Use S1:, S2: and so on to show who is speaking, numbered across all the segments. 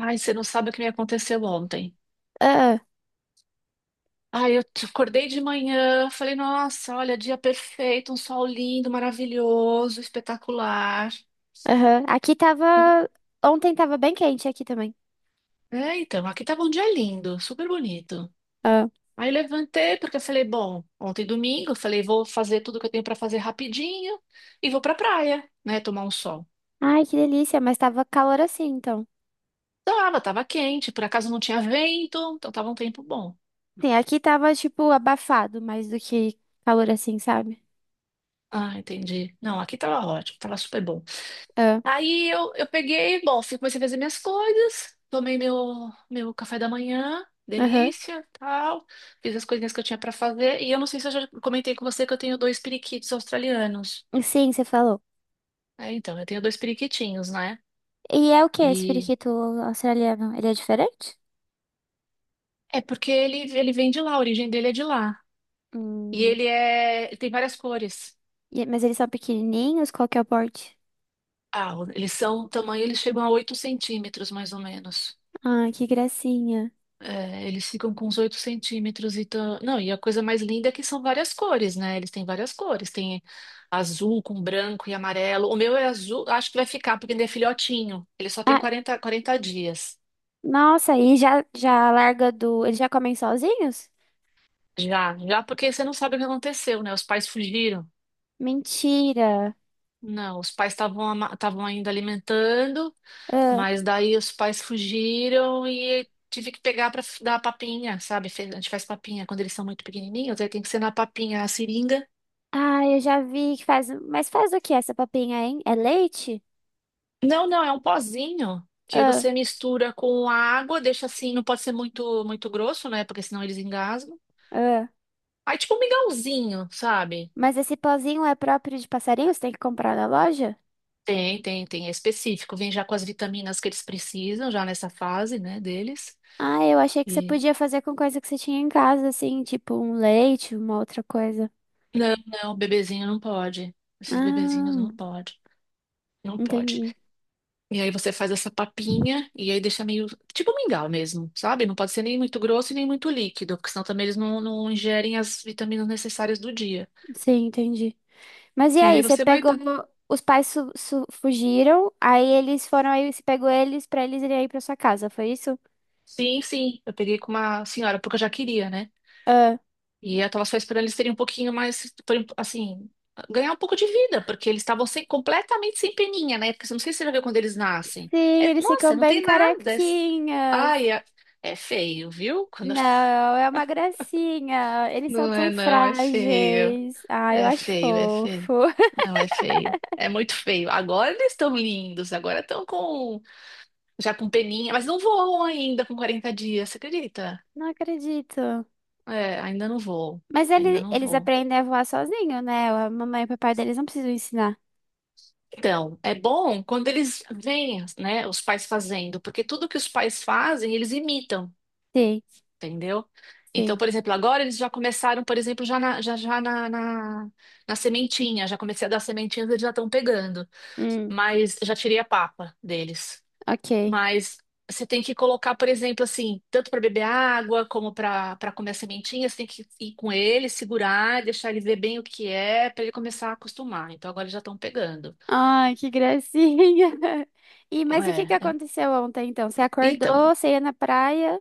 S1: Ai, você não sabe o que me aconteceu ontem.
S2: Ah,
S1: Ai, acordei de manhã, falei, nossa, olha, dia perfeito, um sol lindo, maravilhoso, espetacular.
S2: aham. Aqui tava. Ontem tava bem quente aqui também.
S1: É, então, aqui tava um dia lindo, super bonito.
S2: Ah.
S1: Aí levantei porque eu falei, bom, ontem domingo, eu falei, vou fazer tudo que eu tenho pra fazer rapidinho e vou pra praia, né, tomar um sol.
S2: Ai, que delícia, mas tava calor assim, então.
S1: Tava quente, por acaso não tinha vento, então tava um tempo bom.
S2: Sim, aqui tava, tipo, abafado mais do que calor assim, sabe?
S1: Ah, entendi. Não, aqui tava ótimo, tava super bom.
S2: Ah,
S1: Aí eu peguei, bom, comecei a fazer minhas coisas, tomei meu café da manhã,
S2: aham.
S1: delícia, tal, fiz as coisinhas que eu tinha pra fazer, e eu não sei se eu já comentei com você que eu tenho dois periquitos australianos.
S2: Sim, você falou.
S1: É, então, eu tenho dois periquitinhos, né?
S2: E é o que esse
S1: E
S2: periquito australiano? Ele é diferente?
S1: é porque ele vem de lá, a origem dele é de lá. E
S2: Hum.
S1: ele é, ele tem várias cores.
S2: Mas eles são pequenininhos? Qual que é o porte?
S1: Ah, eles são, o tamanho, eles chegam a 8 centímetros, mais ou menos.
S2: Ah, que gracinha.
S1: É, eles ficam com uns 8 centímetros e tão... Não, e a coisa mais linda é que são várias cores, né? Eles têm várias cores. Tem azul com branco e amarelo. O meu é azul, acho que vai ficar, porque ele é filhotinho. Ele só tem
S2: Ah,
S1: quarenta dias.
S2: nossa, e já larga do. Eles já comem sozinhos?
S1: Já, já porque você não sabe o que aconteceu, né? Os pais fugiram.
S2: Mentira.
S1: Não, os pais estavam ainda alimentando,
S2: Ah.
S1: mas daí os pais fugiram e tive que pegar para dar papinha, sabe? A gente faz papinha quando eles são muito pequenininhos, aí tem que ser na papinha, a seringa.
S2: Ah, eu já vi que faz. Mas faz o que essa papinha, hein? É leite?
S1: Não, não, é um pozinho que aí
S2: Ah,
S1: você mistura com a água, deixa assim, não pode ser muito muito grosso, né? Porque senão eles engasgam.
S2: ah.
S1: Aí tipo um mingauzinho, sabe?
S2: Mas esse pozinho é próprio de passarinho? Você tem que comprar na loja?
S1: Tem, é específico. Vem já com as vitaminas que eles precisam, já nessa fase, né, deles.
S2: Ah, eu achei que você
S1: E
S2: podia fazer com coisa que você tinha em casa, assim, tipo um leite, uma outra coisa.
S1: não, não, o bebezinho não pode. Esses bebezinhos
S2: Ah,
S1: não pode. Não pode.
S2: entendi.
S1: E aí você faz essa papinha e aí deixa meio tipo mingau mesmo, sabe? Não pode ser nem muito grosso e nem muito líquido, porque senão também eles não ingerem as vitaminas necessárias do dia.
S2: Sim, entendi. Mas e
S1: E aí
S2: aí, você
S1: você vai.
S2: pegou. Os pais fugiram, aí eles foram aí, você pegou eles pra eles irem aí pra sua casa, foi isso?
S1: Sim, sim. Eu peguei com uma senhora, porque eu já queria, né?
S2: Ah.
S1: E eu tava só esperando eles terem um pouquinho mais, assim, ganhar um pouco de vida, porque eles estavam sem, completamente sem peninha, né? Porque eu não sei se você já viu quando eles nascem.
S2: Sim, eles
S1: Nossa,
S2: ficam
S1: não
S2: bem
S1: tem nada.
S2: carequinhas.
S1: Ai, é, é feio, viu?
S2: Não, é uma gracinha. Eles são
S1: Não é,
S2: tão
S1: não, é feio.
S2: frágeis. Ah, eu
S1: É
S2: acho
S1: feio, é feio.
S2: fofo.
S1: Não, é feio. É muito feio. Agora eles estão lindos, agora estão com já com peninha, mas não voam ainda com 40 dias, você acredita?
S2: Não acredito.
S1: É, ainda não vou.
S2: Mas
S1: Ainda não
S2: eles
S1: vou.
S2: aprendem a voar sozinho, né? A mamãe e o papai deles não precisam ensinar.
S1: Então, é bom quando eles veem, né, os pais fazendo, porque tudo que os pais fazem, eles imitam,
S2: Sim,
S1: entendeu?
S2: sim.
S1: Então, por exemplo, agora eles já começaram, por exemplo, já na, já, já na, na, na sementinha, já comecei a dar sementinhas, eles já estão pegando.
S2: Hum,
S1: Mas já tirei a papa deles.
S2: ok.
S1: Mas você tem que colocar, por exemplo, assim, tanto para beber água como para comer a sementinha, você tem que ir com ele, segurar, deixar ele ver bem o que é, para ele começar a acostumar. Então agora já estão pegando.
S2: Ai, que gracinha. E, mas e o que que
S1: É, é-
S2: aconteceu ontem, então? Você
S1: então,
S2: acordou, você ia na praia?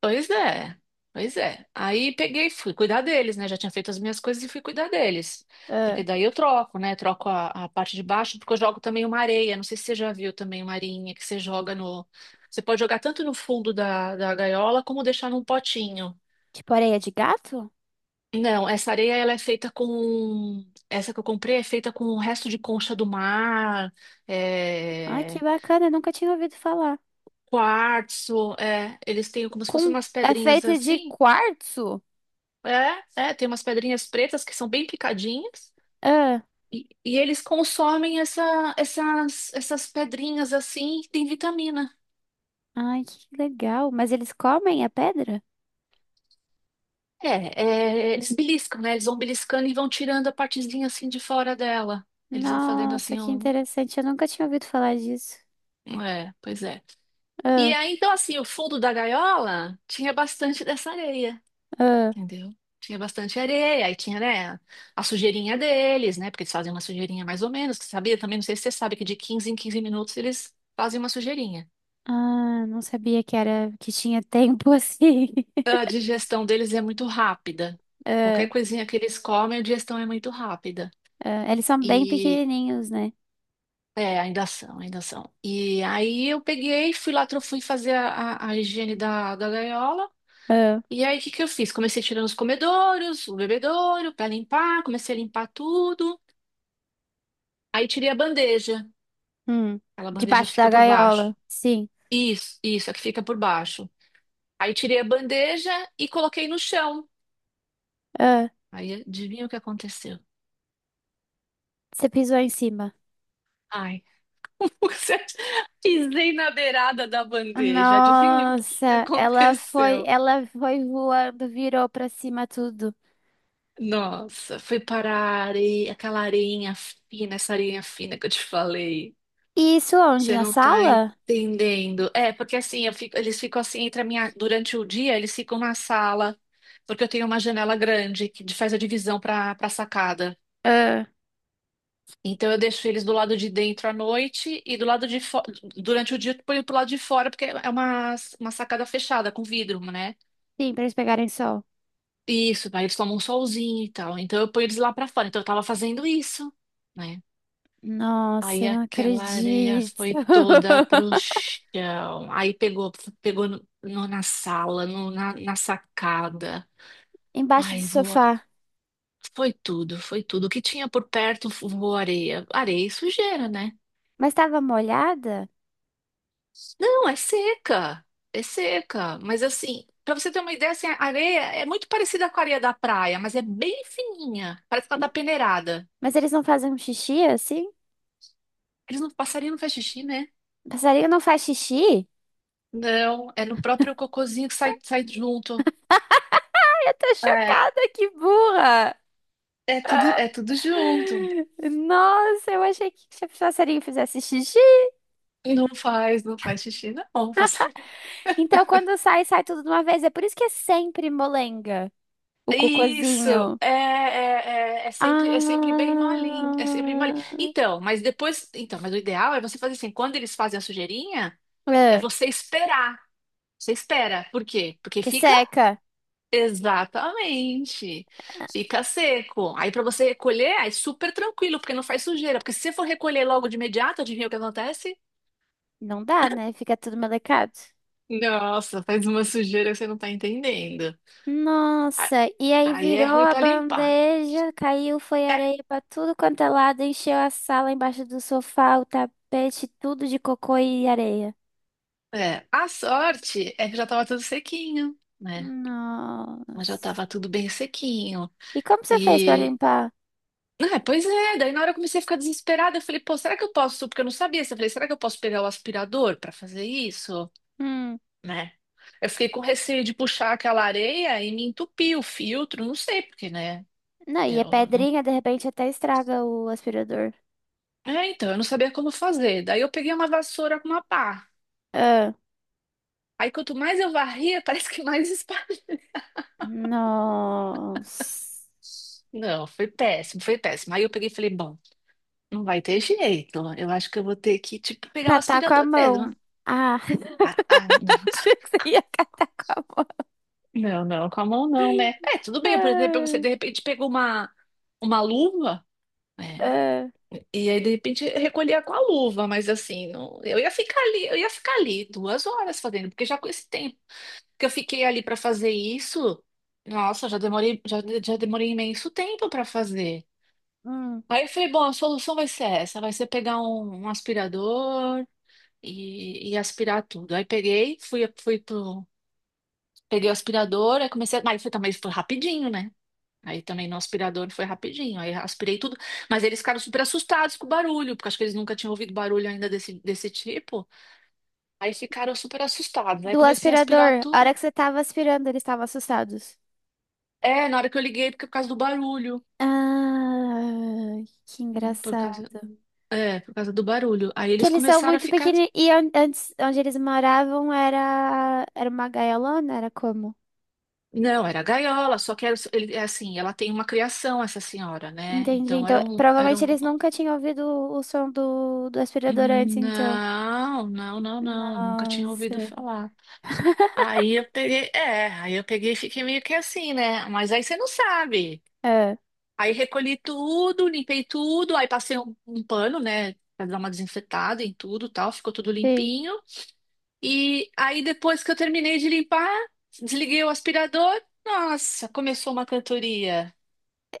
S1: pois é. Pois é. Aí peguei, e fui cuidar deles, né? Já tinha feito as minhas coisas e fui cuidar deles.
S2: Ah,
S1: Porque daí eu troco, né? Troco a parte de baixo, porque eu jogo também uma areia. Não sei se você já viu também uma areinha que você joga no. Você pode jogar tanto no fundo da gaiola como deixar num potinho.
S2: tipo areia de gato?
S1: Não, essa areia ela é feita com. Essa que eu comprei é feita com o resto de concha do mar,
S2: Ai, que
S1: é,
S2: bacana, nunca tinha ouvido falar.
S1: quartzo. É, eles têm como se fossem
S2: Com...
S1: umas
S2: É
S1: pedrinhas
S2: feita de
S1: assim.
S2: quartzo?
S1: É, é, tem umas pedrinhas pretas que são bem picadinhas. E eles consomem essas pedrinhas assim, que tem vitamina.
S2: Ai, que legal. Mas eles comem a pedra?
S1: É, é, eles beliscam, né? Eles vão beliscando e vão tirando a partezinha assim de fora dela. Eles vão fazendo
S2: Nossa,
S1: assim
S2: que
S1: um.
S2: interessante. Eu nunca tinha ouvido falar disso.
S1: É, pois é. E
S2: Ah,
S1: aí, então, assim, o fundo da gaiola tinha bastante dessa areia,
S2: ah,
S1: entendeu? Tinha bastante areia, aí tinha, né, a sujeirinha deles, né? Porque eles fazem uma sujeirinha mais ou menos, tu sabia? Também não sei se você sabe que de 15 em 15 minutos eles fazem uma sujeirinha.
S2: não sabia que era que tinha tempo assim.
S1: A digestão deles é muito rápida. Qualquer
S2: Ah,
S1: coisinha que eles comem, a digestão é muito rápida.
S2: Eles são bem
S1: E
S2: pequenininhos, né?
S1: é, ainda são, ainda são. E aí eu peguei, fui lá, fui fazer a higiene da gaiola.
S2: Ah,
S1: E aí, o que que eu fiz? Comecei tirando os comedouros, o bebedouro, para limpar, comecei a limpar tudo. Aí tirei a bandeja,
S2: hum.
S1: aquela bandeja que
S2: Debaixo
S1: fica
S2: da
S1: por baixo.
S2: gaiola. Sim.
S1: Isso, a que fica por baixo. Aí tirei a bandeja e coloquei no chão.
S2: Ah,
S1: Aí adivinha o que aconteceu?
S2: você pisou em cima.
S1: Ai, você- acha- pisei na beirada da bandeja. Adivinha o que que
S2: Nossa, ela foi,
S1: aconteceu?
S2: ela foi voando, virou pra cima tudo.
S1: Nossa, foi parar a areia, aquela areinha fina, essa areinha fina que eu te falei.
S2: E isso onde?
S1: Você
S2: Na
S1: não tá
S2: sala?
S1: entendendo. É, porque assim, eles ficam assim entre a minha, durante o dia, eles ficam na sala, porque eu tenho uma janela grande que faz a divisão para sacada.
S2: Ah,
S1: Então eu deixo eles do lado de dentro à noite e do lado de fo... durante o dia eu ponho pro lado de fora, porque é uma sacada fechada com vidro, né?
S2: sim, pra eles pegarem sol.
S1: Isso, aí eles tomam um solzinho e tal. Então eu ponho eles lá para fora. Então eu tava fazendo isso, né? Aí
S2: Nossa, não
S1: aquela areia
S2: acredito.
S1: foi toda pro chão. Aí pegou, pegou na sala, na sacada.
S2: Embaixo do
S1: Ai, voou.
S2: sofá.
S1: Foi tudo, foi tudo. O que tinha por perto voou areia. Areia e sujeira, né?
S2: Mas estava molhada?
S1: Não, é seca. É seca. Mas assim, pra você ter uma ideia, assim, a areia é muito parecida com a areia da praia, mas é bem fininha. Parece que ela tá peneirada.
S2: Mas eles não fazem um xixi assim?
S1: Eles não, passarinho não faz xixi, né?
S2: Passarinho não faz xixi?
S1: Não, é no próprio cocôzinho que sai, sai junto.
S2: Ai, eu tô
S1: é
S2: chocada, que burra!
S1: É tudo junto.
S2: Nossa, eu achei que se o passarinho fizesse xixi.
S1: Não faz, não faz xixi, não. Faz...
S2: Então, quando sai, sai tudo de uma vez. É por isso que é sempre molenga, o
S1: Isso,
S2: cocôzinho.
S1: é, é, é, é sempre bem malinho, é sempre bem malinho.
S2: Ah,
S1: Então, mas depois, então, mas o ideal é você fazer assim, quando eles fazem a sujeirinha, é
S2: é,
S1: você esperar. Você espera. Por quê? Porque
S2: que
S1: fica
S2: seca.
S1: exatamente, fica seco. Aí para você recolher, é super tranquilo, porque não faz sujeira. Porque se você for recolher logo de imediato, adivinha o que acontece?
S2: Não dá, né? Fica tudo melecado.
S1: Nossa, faz uma sujeira que você não tá entendendo.
S2: Nossa, e aí
S1: Aí
S2: virou
S1: é ruim
S2: a
S1: para limpar.
S2: bandeja, caiu, foi
S1: É,
S2: areia pra tudo quanto é lado, encheu a sala embaixo do sofá, o tapete, tudo de cocô e areia.
S1: é. A sorte é que já estava tudo sequinho, né? Mas já
S2: Nossa.
S1: estava tudo bem sequinho.
S2: E como você fez pra
S1: E.
S2: limpar?
S1: Ah, pois é, daí na hora eu comecei a ficar desesperada. Eu falei, pô, será que eu posso? Porque eu não sabia. Eu falei, será que eu posso pegar o aspirador para fazer isso?
S2: Hum.
S1: Né? Eu fiquei com receio de puxar aquela areia e me entupir o filtro, não sei porque, né?
S2: Não, e a
S1: Eu não...
S2: pedrinha de repente até estraga o aspirador.
S1: É, então, eu não sabia como fazer. Daí eu peguei uma vassoura com uma pá.
S2: Ah.
S1: Aí quanto mais eu varria, parece que mais
S2: Nossa.
S1: não, foi péssimo, foi péssimo. Aí eu peguei e falei, bom, não vai ter jeito. Eu acho que eu vou ter que, tipo, pegar um
S2: Catar com a
S1: aspirador
S2: mão.
S1: mesmo.
S2: Ah,
S1: Não, tá.
S2: achei que você ia catar com a mão.
S1: Não, não, com a mão não, né? É, tudo bem, por exemplo, você de repente pegou uma luva, né?
S2: Ah,
S1: E aí, de repente, recolhia com a luva, mas assim, não, eu ia ficar ali, eu ia ficar ali duas horas fazendo, porque já com esse tempo que eu fiquei ali para fazer isso, nossa, já demorei, já, já demorei imenso tempo para fazer.
S2: ah.
S1: Aí eu falei, bom, a solução vai ser essa, vai ser pegar um, um aspirador e aspirar tudo. Aí peguei, fui pro, peguei o aspirador, aí comecei, mas foi também foi rapidinho, né? Aí também no aspirador foi rapidinho, aí aspirei tudo, mas eles ficaram super assustados com o barulho, porque acho que eles nunca tinham ouvido barulho ainda desse tipo. Aí ficaram super assustados, aí
S2: Do
S1: comecei a aspirar
S2: aspirador. A
S1: tudo.
S2: hora que você tava aspirando, eles estavam assustados.
S1: É, na hora que eu liguei, porque é por causa do barulho,
S2: Ah, que
S1: por
S2: engraçado.
S1: causa, é, por causa do barulho. Aí
S2: Que
S1: eles
S2: eles são
S1: começaram a
S2: muito
S1: ficar
S2: pequeninos. E antes, onde eles moravam era, era uma gaiolona, era como?
S1: não, era gaiola, só que era, ele, é assim, ela tem uma criação, essa senhora, né?
S2: Entendi.
S1: Então
S2: Então,
S1: era um, era
S2: provavelmente
S1: um...
S2: eles nunca tinham ouvido o som do aspirador antes, então.
S1: Não, não, não, não, nunca tinha ouvido
S2: Nossa.
S1: falar. Aí eu peguei, é, aí eu peguei e fiquei meio que assim, né? Mas aí você não sabe.
S2: É,
S1: Aí recolhi tudo, limpei tudo, aí passei um, um pano, né? Pra dar uma desinfetada em tudo, e tal, ficou tudo
S2: sim.
S1: limpinho. E aí depois que eu terminei de limpar, desliguei o aspirador, nossa, começou uma cantoria.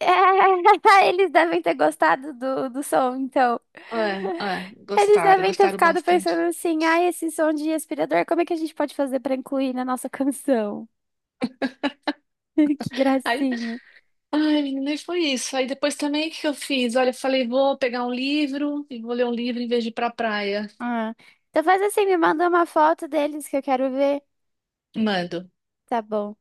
S2: É, eles devem ter gostado do, do som, então.
S1: É, é,
S2: Eles
S1: gostaram,
S2: devem ter
S1: gostaram
S2: ficado
S1: bastante.
S2: pensando assim: ai, esse som de aspirador, como é que a gente pode fazer pra incluir na nossa canção? Que
S1: Aí,
S2: gracinha.
S1: ai, menina, e foi isso. Aí depois também, o que que eu fiz? Olha, eu falei, vou pegar um livro e vou ler um livro em vez de ir pra praia.
S2: Ah. Então faz assim, me manda uma foto deles que eu quero ver.
S1: Mando.
S2: Tá bom.